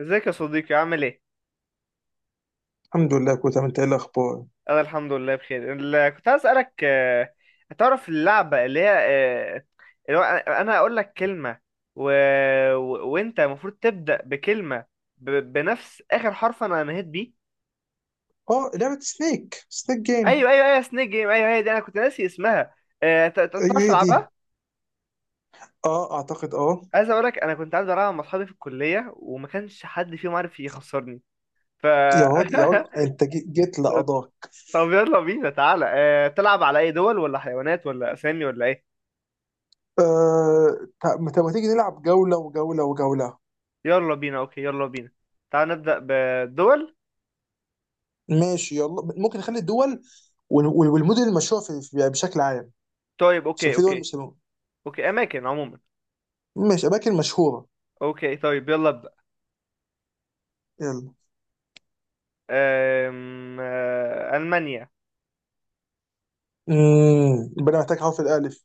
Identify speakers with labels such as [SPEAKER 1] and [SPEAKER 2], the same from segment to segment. [SPEAKER 1] ازيك يا صديقي، عامل ايه؟
[SPEAKER 2] الحمد لله كويس. انت ايه الاخبار؟
[SPEAKER 1] انا الحمد لله بخير. كنت عايز اسالك، هتعرف اللعبه اللي هي، اللي هو أنا هقول لك كلمه، و... وانت المفروض تبدا بكلمه بنفس اخر حرف انا نهيت بيه.
[SPEAKER 2] اه لعبه سنيك، سنيك جيم.
[SPEAKER 1] ايوه ايوه ايوه، سنيك جيم، ايوه أيوة، هي دي. انا كنت ناسي اسمها.
[SPEAKER 2] ايوه
[SPEAKER 1] تعرف
[SPEAKER 2] هي دي.
[SPEAKER 1] تلعبها؟
[SPEAKER 2] اه اعتقد اه.
[SPEAKER 1] عايز اقول لك انا كنت عايز العبها مع اصحابي في الكليه، وما كانش حد فيهم عارف يخسرني. ف
[SPEAKER 2] يا راجل يا راجل، انت جيت لقضاك.
[SPEAKER 1] طب يلا بينا، تعالى، تلعب على اي دول، ولا حيوانات، ولا اسامي، ولا ايه؟
[SPEAKER 2] آه ما تيجي نلعب جوله وجوله وجوله.
[SPEAKER 1] يلا بينا، اوكي يلا بينا. تعال نبدأ بالدول.
[SPEAKER 2] ماشي يلا، ممكن نخلي الدول والمدن المشهوره بشكل عام.
[SPEAKER 1] طيب
[SPEAKER 2] عشان
[SPEAKER 1] اوكي
[SPEAKER 2] في دول
[SPEAKER 1] اوكي.
[SPEAKER 2] مش.
[SPEAKER 1] اوكي، اماكن عموما.
[SPEAKER 2] ماشي، اماكن مشهوره.
[SPEAKER 1] اوكي طيب يلا ابدأ.
[SPEAKER 2] يلا،
[SPEAKER 1] أم... آه، المانيا.
[SPEAKER 2] امم، يبقى انا محتاج حرف الالف،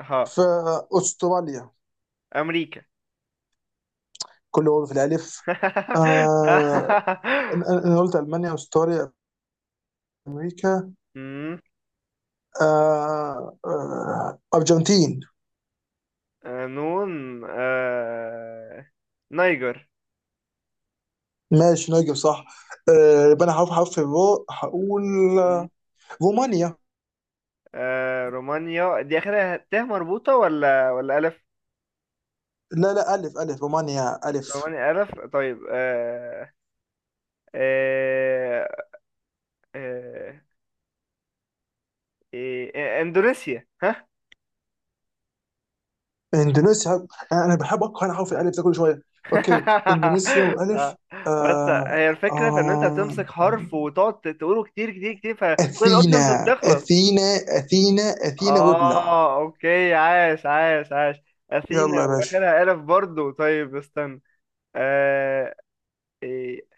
[SPEAKER 1] ها،
[SPEAKER 2] فاستراليا.
[SPEAKER 1] امريكا.
[SPEAKER 2] كله هو في الالف. آه، أنا قلت المانيا، استراليا، امريكا.
[SPEAKER 1] أمم،
[SPEAKER 2] آه آه، ارجنتين.
[SPEAKER 1] نون. نيجر.
[SPEAKER 2] ماشي، نجم، صح. آه، يبقى انا هروح حرف الرو، هقول
[SPEAKER 1] أمم،
[SPEAKER 2] رومانيا.
[SPEAKER 1] رومانيا دي اخرها ت مربوطة ولا الف؟
[SPEAKER 2] لا لا، الف، الف، رومانيا الف.
[SPEAKER 1] رومانيا الف، طيب. آه، آه، آه، إيه، اندونيسيا.
[SPEAKER 2] اندونيسيا. انا بحب اقرا انا حرف الالف ده كل شويه. اوكي، اندونيسيا
[SPEAKER 1] آه.
[SPEAKER 2] والف.
[SPEAKER 1] بس
[SPEAKER 2] آه
[SPEAKER 1] هي الفكرة في ان انت
[SPEAKER 2] آه
[SPEAKER 1] بتمسك
[SPEAKER 2] آه،
[SPEAKER 1] حرف وتقعد تقوله كتير كتير كتير، فكل الاوبشنز
[SPEAKER 2] اثينا
[SPEAKER 1] بتخلص.
[SPEAKER 2] اثينا، اثينا اثينا وابلع.
[SPEAKER 1] اه اوكي، عاش عاش عاش. اثينا،
[SPEAKER 2] يلا يا باشا،
[SPEAKER 1] واخرها الف برضو. طيب، استنى. آه. إيه.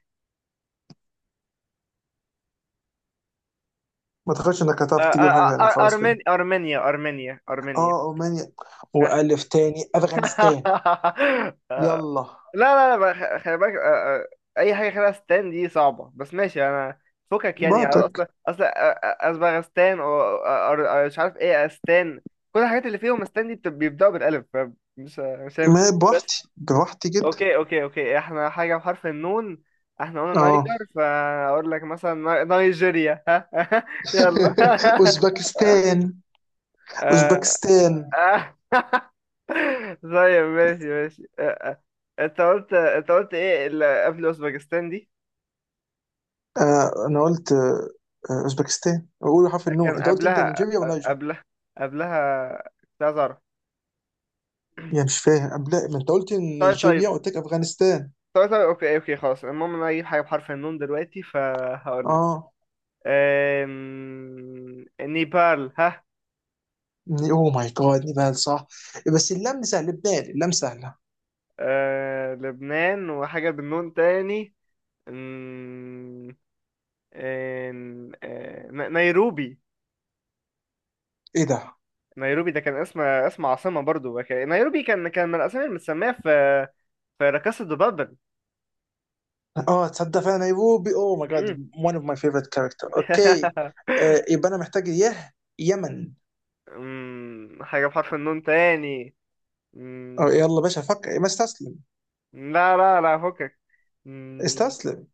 [SPEAKER 2] ما تخافش انك
[SPEAKER 1] آه.
[SPEAKER 2] هتعرف تجيب حاجه
[SPEAKER 1] آه.
[SPEAKER 2] ثانيه،
[SPEAKER 1] آه.
[SPEAKER 2] خلاص كده.
[SPEAKER 1] أرمن... ارمينيا ارمينيا ارمينيا.
[SPEAKER 2] اه رومانيا، والف تاني، افغانستان.
[SPEAKER 1] آه، لا
[SPEAKER 2] يلا
[SPEAKER 1] لا لا بقى، خلي بالك. اي حاجه خلال اسنان دي صعبه، بس ماشي. انا فكك يعني،
[SPEAKER 2] بعتك.
[SPEAKER 1] اصلا اصلا. اسبغستان، مش عارف ايه اسنان. كل الحاجات اللي فيهم اسنان دي بيبداوا بالالف. مش هينفع.
[SPEAKER 2] ما
[SPEAKER 1] بس
[SPEAKER 2] بوحدي بوحدي جدا.
[SPEAKER 1] اوكي اوكي اوكي، احنا حاجه بحرف النون. احنا قلنا
[SPEAKER 2] اه،
[SPEAKER 1] نايجر، فاقول لك مثلا نيجيريا. ها يلا.
[SPEAKER 2] اوزبكستان
[SPEAKER 1] آه،
[SPEAKER 2] اوزبكستان.
[SPEAKER 1] آه. طيب ماشي ماشي. انت قلت ايه اللي قبل اوزبكستان دي؟
[SPEAKER 2] آه انا قلت آه آه، اوزبكستان، بقول حرف النون،
[SPEAKER 1] كان
[SPEAKER 2] انت قلت انت
[SPEAKER 1] قبلها،
[SPEAKER 2] نيجيريا ونيجر.
[SPEAKER 1] قبلها، قبلها. كنت عايز اعرف.
[SPEAKER 2] يعني مش فاهم، قبل ما انت قلت
[SPEAKER 1] طيب
[SPEAKER 2] نيجيريا
[SPEAKER 1] طيب
[SPEAKER 2] قلت لك افغانستان.
[SPEAKER 1] طيب طيب، اوكي اوكي، خلاص. المهم انا اجيب حاجه بحرف النون دلوقتي، فهقول لك
[SPEAKER 2] اه
[SPEAKER 1] نيبال. ها
[SPEAKER 2] اوه ماي جاد، نيبال صح. بس اللام سهل، لبنان، اللام سهله.
[SPEAKER 1] لبنان، وحاجه بالنون تاني. أم... نيروبي.
[SPEAKER 2] ايه ده؟
[SPEAKER 1] نيروبي ده كان اسم عاصمة برضو. نيروبي كان من الأسامي المتسمية في في لا كاسا دو بابل.
[SPEAKER 2] اه تصدق فعلا نيروبي، اوه ماي جاد.
[SPEAKER 1] مم.
[SPEAKER 2] one of my favorite character. اوكي، آه يبقى انا محتاج يه، يمن.
[SPEAKER 1] مم، حاجة بحرف النون تاني.
[SPEAKER 2] آه
[SPEAKER 1] مم،
[SPEAKER 2] يلا باشا فكر، ما استسلم.
[SPEAKER 1] لا لا لا فكك. مم،
[SPEAKER 2] استسلم،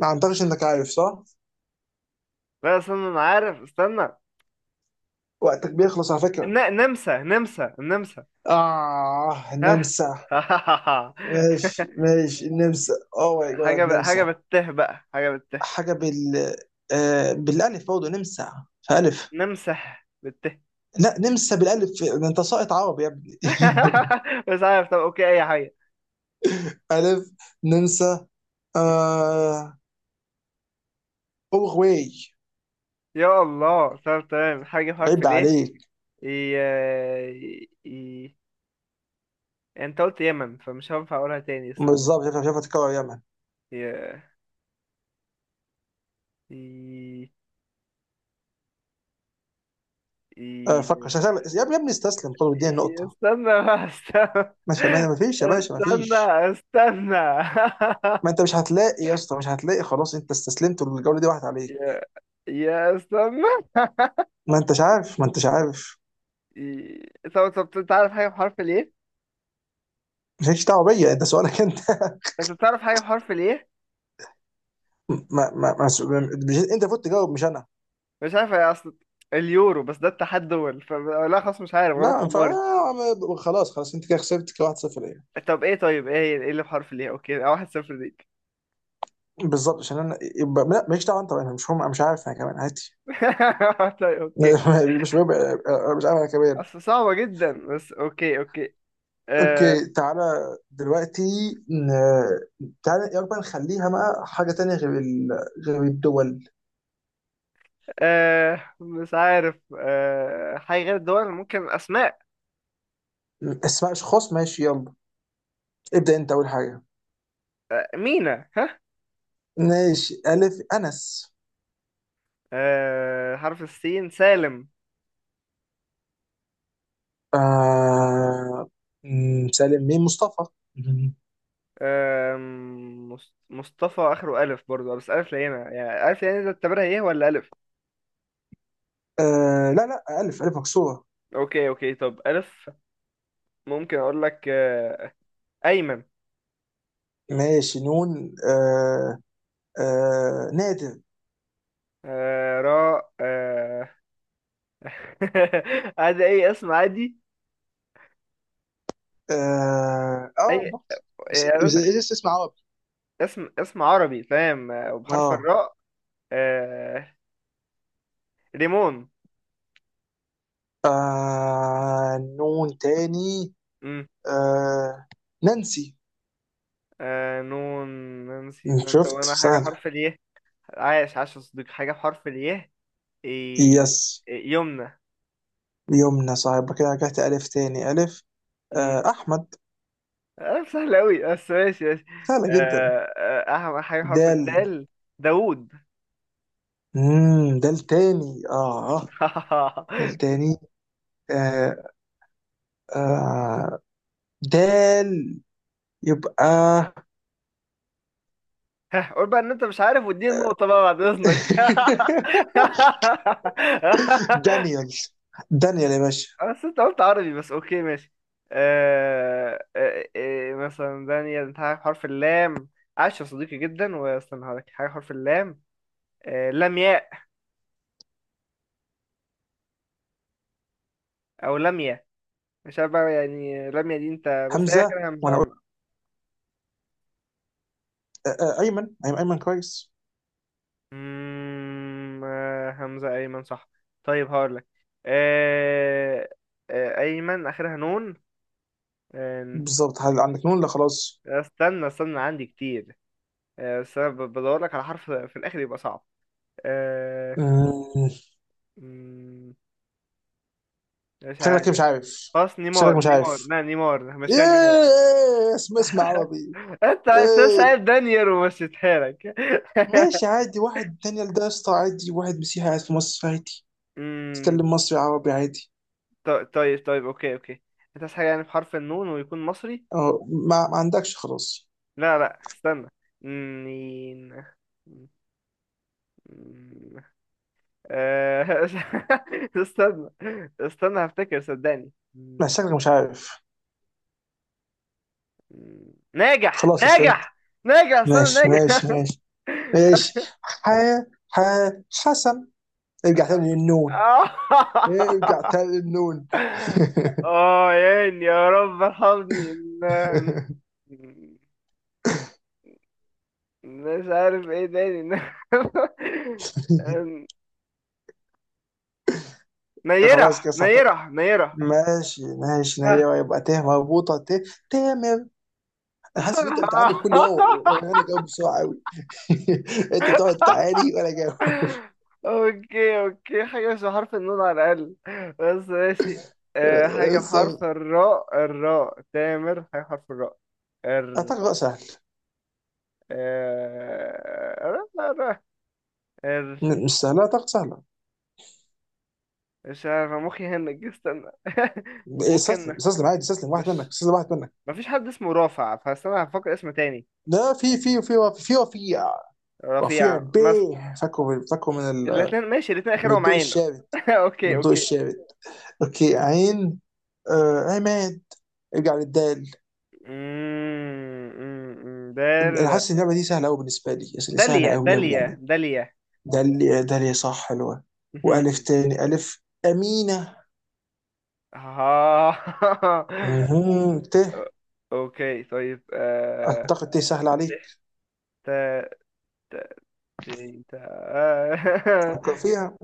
[SPEAKER 2] ما اعتقدش انك عارف، صح؟
[SPEAKER 1] لا استنى، أنا عارف. استنى.
[SPEAKER 2] وقتك بيخلص على فكرة.
[SPEAKER 1] نمسا نمسا نمسا.
[SPEAKER 2] اه
[SPEAKER 1] ها.
[SPEAKER 2] نمسا. ماشي ماشي نمسا، اوه ماي جاد
[SPEAKER 1] حاجة
[SPEAKER 2] نمسا.
[SPEAKER 1] حاجة بالته بقى، حاجة بالته.
[SPEAKER 2] حاجة بال، آه بالالف برضه نمسا، فالف.
[SPEAKER 1] نمسا بالته.
[SPEAKER 2] لا نمسا بالالف، ده انت ساقط عربي يا ابني.
[SPEAKER 1] مش عارف، طب أوكي، أي حاجة.
[SPEAKER 2] الف، نمسا. آه، اورواي.
[SPEAKER 1] يا الله. طب تمام، حاجة بحرف
[SPEAKER 2] عيب
[SPEAKER 1] ليه.
[SPEAKER 2] عليك.
[SPEAKER 1] ي... ي... انت قلت يمن، فمش هينفع اقولها تاني. استنى.
[SPEAKER 2] بالظبط، شايف شايف، تكرر يمن.
[SPEAKER 1] ي... ي... ي...
[SPEAKER 2] آه فكر شغال. يا ابني يا ابني، استسلم، طب اديني النقطة.
[SPEAKER 1] استنى بقى، استنى،
[SPEAKER 2] ماشي، ما فيش يا باشا، ما فيش.
[SPEAKER 1] استنى، استنى.
[SPEAKER 2] ما انت مش هتلاقي يا اسطى، مش هتلاقي، خلاص انت استسلمت، والجولة دي واحد عليك.
[SPEAKER 1] يا يا استنى.
[SPEAKER 2] ما انتش عارف، ما انتش عارف.
[SPEAKER 1] طب طب، انت عارف حاجة بحرف ليه؟
[SPEAKER 2] مالكش دعوه بيا، ده سؤالك انت.
[SPEAKER 1] انت بتعرف حاجة بحرف ليه؟
[SPEAKER 2] ما انت المفروض تجاوب مش انا.
[SPEAKER 1] مش عارف، يا اصل اليورو، بس ده اتحاد دول. لا خلاص، مش عارف، غلب
[SPEAKER 2] لا ينفع.
[SPEAKER 1] حماري.
[SPEAKER 2] خلاص خلاص، انت كده خسرت، كده 1-0 ليه.
[SPEAKER 1] طب ايه، طيب ايه هي، ايه اللي بحرف ليه؟ اوكي، 1-0 ليك.
[SPEAKER 2] بالظبط، عشان انا يبقى لا، مالكش دعوه انت بقى، انا مش عارف انا كمان، عادي.
[SPEAKER 1] طيب اوكي.
[SPEAKER 2] مش مهم، أنا مش عارف انا كمان.
[SPEAKER 1] أصل صعبة جدا، بس أوكي أوكي. آه.
[SPEAKER 2] اوكي تعالى دلوقتي. تعالى يلا بقى، نخليها بقى حاجه تانية غير ال، غير الدول.
[SPEAKER 1] آه، مش عارف. آه، حاجة غير الدول، ممكن أسماء.
[SPEAKER 2] اسماء اشخاص، ماشي يلا، ابدا انت اول حاجه.
[SPEAKER 1] آه، مينا. ها
[SPEAKER 2] ماشي، الف، انس.
[SPEAKER 1] آه، حرف السين، سالم.
[SPEAKER 2] آه مم، سالم، مين، مصطفى. مم.
[SPEAKER 1] آه، مصطفى. آخره ألف برضو، بس ألف لينة. يعني ألف لينة، ده تعتبرها إيه ولا ألف؟
[SPEAKER 2] آه لا لا، ألف، ألف مكسورة.
[SPEAKER 1] أوكي أوكي، طب ألف. ممكن أقول لك، آه، أيمن.
[SPEAKER 2] ماشي، نون، آه آه نادر.
[SPEAKER 1] آه، راء. عادي، أي اسم عادي.
[SPEAKER 2] اه آه،
[SPEAKER 1] أي
[SPEAKER 2] بالظبط. بس
[SPEAKER 1] يعني اسم،
[SPEAKER 2] بس بس اسم عربي.
[SPEAKER 1] اسم عربي فاهم، وبحرف
[SPEAKER 2] اه
[SPEAKER 1] الراء. آه... ريمون.
[SPEAKER 2] آه، نون تاني.
[SPEAKER 1] مم.
[SPEAKER 2] آه نانسي.
[SPEAKER 1] نون، نانسي. طب
[SPEAKER 2] شفت
[SPEAKER 1] انا حاجة
[SPEAKER 2] سهلة.
[SPEAKER 1] حرف الياء. عاش عاش يا صديقي، حاجة بحرف الياء. إيه...
[SPEAKER 2] يس،
[SPEAKER 1] إيه، يمنى.
[SPEAKER 2] يمنى، صاحب كده رجعت ألف تاني، ألف.
[SPEAKER 1] مم.
[SPEAKER 2] آه أحمد،
[SPEAKER 1] آه سهل أوي، بس ماشي ماشي.
[SPEAKER 2] سهلة جدا.
[SPEAKER 1] أهم حاجة حرف
[SPEAKER 2] دال،
[SPEAKER 1] الدال، داوود.
[SPEAKER 2] مم، دال تاني اه، دال تاني. آه آه، دال، يبقى،
[SPEAKER 1] ها، قول بقى ان انت مش عارف، واديني النقطة بقى بعد اذنك.
[SPEAKER 2] دانيال. دانيال يا باشا.
[SPEAKER 1] بس انت قلت عربي، بس اوكي ماشي. مثلا دانيال. انت عارف حرف اللام؟ عاش يا صديقي جدا. واستنى هقولك حاجة حرف اللام. لمياء، او لمياء. مش عارف بقى يعني، لمياء دي انت، بس هي
[SPEAKER 2] همزة،
[SPEAKER 1] اخر همزة.
[SPEAKER 2] وانا اقول. آه آه ايمن، ايمن ايمن، كويس.
[SPEAKER 1] همزة، ايمن صح. طيب هقولك آه... ايمن اخرها نون. آه...
[SPEAKER 2] بالظبط، هل عندك نون؟ لا خلاص.
[SPEAKER 1] استنى عندي كتير. بس انا بدورلك على حرف في الاخر، يبقى صعب. آه...
[SPEAKER 2] مم.
[SPEAKER 1] مم... مش
[SPEAKER 2] شكلك
[SPEAKER 1] عارف.
[SPEAKER 2] إيه، مش عارف.
[SPEAKER 1] خلاص،
[SPEAKER 2] شكلك
[SPEAKER 1] نيمار.
[SPEAKER 2] مش
[SPEAKER 1] نيمار،
[SPEAKER 2] عارف.
[SPEAKER 1] لا نيمار مشيها، نيمار.
[SPEAKER 2] ايه اسم، اسم عربي؟
[SPEAKER 1] انت
[SPEAKER 2] ايه.
[SPEAKER 1] سايب دانيال ومشيتها لك.
[SPEAKER 2] ماشي عادي، واحد دانيال ده يا اسطى عادي، واحد مسيحي قاعد في مصر عادي،
[SPEAKER 1] امم.
[SPEAKER 2] تتكلم مصري، عربي عادي.
[SPEAKER 1] طيب طيب طيب، اوكي اوكي. انت عايز حاجه يعني بحرف النون ويكون مصري.
[SPEAKER 2] اه ما عندكش، خلاص.
[SPEAKER 1] لا لا استنى. نين. مم. آه، استنى استنى هفتكر صدقني.
[SPEAKER 2] ما
[SPEAKER 1] مم.
[SPEAKER 2] شكلك مش عارف،
[SPEAKER 1] ناجح.
[SPEAKER 2] خلاص اصلا.
[SPEAKER 1] ناجح ناجح، استنى،
[SPEAKER 2] ماشي
[SPEAKER 1] ناجح.
[SPEAKER 2] ماشي ماشي ماشي، ح، ح، حسن. ارجع تاني للنون، ارجع تاني للنون.
[SPEAKER 1] اه يعني، يا رب ارحمني. مش عارف ايه تاني. إن- إن-
[SPEAKER 2] خلاص
[SPEAKER 1] نيرة
[SPEAKER 2] كده
[SPEAKER 1] نيرة نيرة.
[SPEAKER 2] ماشي ماشي، ايوه يبقى ت مربوطه، ت، تامر. انا حاسس ان انت بتعاني في كل واو وانا جاوب بسرعه قوي. انت بتقعد تعاني وانا جاوب.
[SPEAKER 1] اوكي اوكي، حاجة مش بحرف النون على الأقل، بس ماشي. حاجة
[SPEAKER 2] استنى.
[SPEAKER 1] بحرف الراء، الراء، تامر، حاجة بحرف الراء.
[SPEAKER 2] اعتقد
[SPEAKER 1] ال
[SPEAKER 2] بقى سهل.
[SPEAKER 1] آه، الر- الر- الر-
[SPEAKER 2] مش سهله، اعتقد سهله.
[SPEAKER 1] مش عارف، مخي هنج. استنى
[SPEAKER 2] استسلم
[SPEAKER 1] ممكن.
[SPEAKER 2] استسلم، عادي استسلم، واحد منك،
[SPEAKER 1] مش
[SPEAKER 2] استسلم واحد منك.
[SPEAKER 1] مفيش حد اسمه رافع، فانا هفكر اسم تاني.
[SPEAKER 2] لا في رفيع،
[SPEAKER 1] رفيع مثلا.
[SPEAKER 2] بيه، فاكره فاكره
[SPEAKER 1] الاثنين ماشي، الاثنين
[SPEAKER 2] من
[SPEAKER 1] اخرهم
[SPEAKER 2] الضوء
[SPEAKER 1] عين.
[SPEAKER 2] الشابت. من
[SPEAKER 1] اوكي
[SPEAKER 2] الضوء
[SPEAKER 1] اوكي.
[SPEAKER 2] الشابت. اوكي عين، آه عماد. ارجع للدال.
[SPEAKER 1] مم. دال،
[SPEAKER 2] انا حاسس ان اللعبه دي سهله قوي بالنسبه لي، يعني سهله
[SPEAKER 1] داليا
[SPEAKER 2] قوي قوي يعني.
[SPEAKER 1] داليا داليا.
[SPEAKER 2] ده اللي صح، حلوه. والف تاني، الف امينه.
[SPEAKER 1] آه.
[SPEAKER 2] مهم. ت،
[SPEAKER 1] اوكي طيب.
[SPEAKER 2] اعتقد ت سهله عليك.
[SPEAKER 1] ت، ت، ت، ت. آه.
[SPEAKER 2] فكر فيها،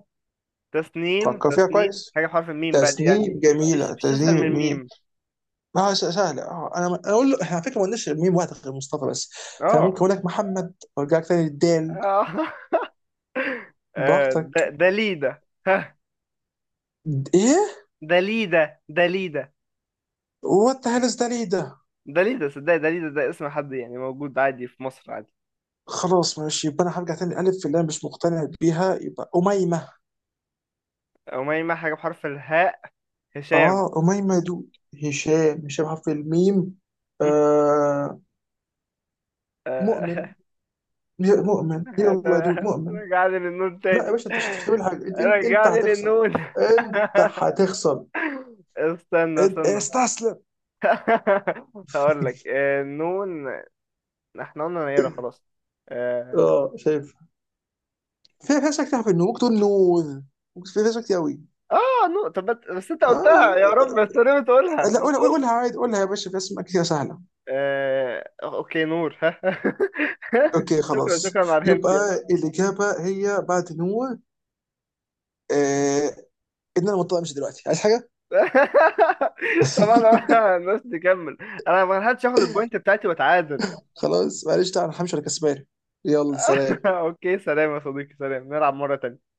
[SPEAKER 1] تسنيم.
[SPEAKER 2] فكر فيها
[SPEAKER 1] تسنيم،
[SPEAKER 2] كويس.
[SPEAKER 1] حاجة بحرف الميم بقى دي يعني.
[SPEAKER 2] تسنيم
[SPEAKER 1] مفيش
[SPEAKER 2] جميله،
[SPEAKER 1] مفيش اسهل من
[SPEAKER 2] تسنيم ميم.
[SPEAKER 1] الميم.
[SPEAKER 2] ما هو سهله، اه انا اقول له احنا على فكره ما قلناش ميم، واحد غير مصطفى بس. فممكن
[SPEAKER 1] اه.
[SPEAKER 2] اقول لك محمد، وارجع لك تاني للدال.
[SPEAKER 1] آه.
[SPEAKER 2] براحتك.
[SPEAKER 1] دليدة.
[SPEAKER 2] ايه،
[SPEAKER 1] دليدا دليدا
[SPEAKER 2] وات ذا هيل ده، ليه ده.
[SPEAKER 1] دليدا. صدق، دليدا ده اسم حد يعني موجود عادي في مصر، عادي.
[SPEAKER 2] خلاص ماشي، يبقى انا هرجع تاني الف، في اللي انا مش مقتنع بيها، يبقى اميمه.
[SPEAKER 1] وما يما، حاجة بحرف الهاء، هشام.
[SPEAKER 2] اه اميمه يا دود. هشام، هشام حرف الميم.
[SPEAKER 1] هم؟
[SPEAKER 2] آه مؤمن،
[SPEAKER 1] آه،
[SPEAKER 2] يا مؤمن يلا يا دود مؤمن.
[SPEAKER 1] رجعني للنون
[SPEAKER 2] لا يا
[SPEAKER 1] تاني،
[SPEAKER 2] باشا، انت مش هتعمل حاجه، انت
[SPEAKER 1] رجعني
[SPEAKER 2] هتخسر.
[SPEAKER 1] للنون.
[SPEAKER 2] انت هتخسر.
[SPEAKER 1] استنى استنى
[SPEAKER 2] استسلم.
[SPEAKER 1] هقول لك، نون. احنا قلنا نيرة، خلاص. اه.
[SPEAKER 2] اه شايف، في اشياء كتير في النور، ممكن تقول نور. ممكن في اشياء كتير قوي.
[SPEAKER 1] نون. طب بس انت قلتها، يا
[SPEAKER 2] آه
[SPEAKER 1] رب بس ليه بتقولها،
[SPEAKER 2] لا
[SPEAKER 1] ما
[SPEAKER 2] قولها،
[SPEAKER 1] تقولش.
[SPEAKER 2] قولها عادي، قولها يا باشا، في اسماء كتير سهله.
[SPEAKER 1] اوكي، نور.
[SPEAKER 2] اوكي
[SPEAKER 1] شكرا
[SPEAKER 2] خلاص،
[SPEAKER 1] شكرا على الهنت يعني.
[SPEAKER 2] يبقى الاجابه هي بعد نوع. آه، ان انا مضطر امشي دلوقتي، عايز حاجه.
[SPEAKER 1] طبعا. الناس تكمل. انا ما لحقتش اخد البوينت بتاعتي واتعادل.
[SPEAKER 2] خلاص معلش، تعال انا همشي، انا كسبان. يلا سلام.
[SPEAKER 1] اوكي سلام يا صديقي، سلام، نلعب مرة تانية.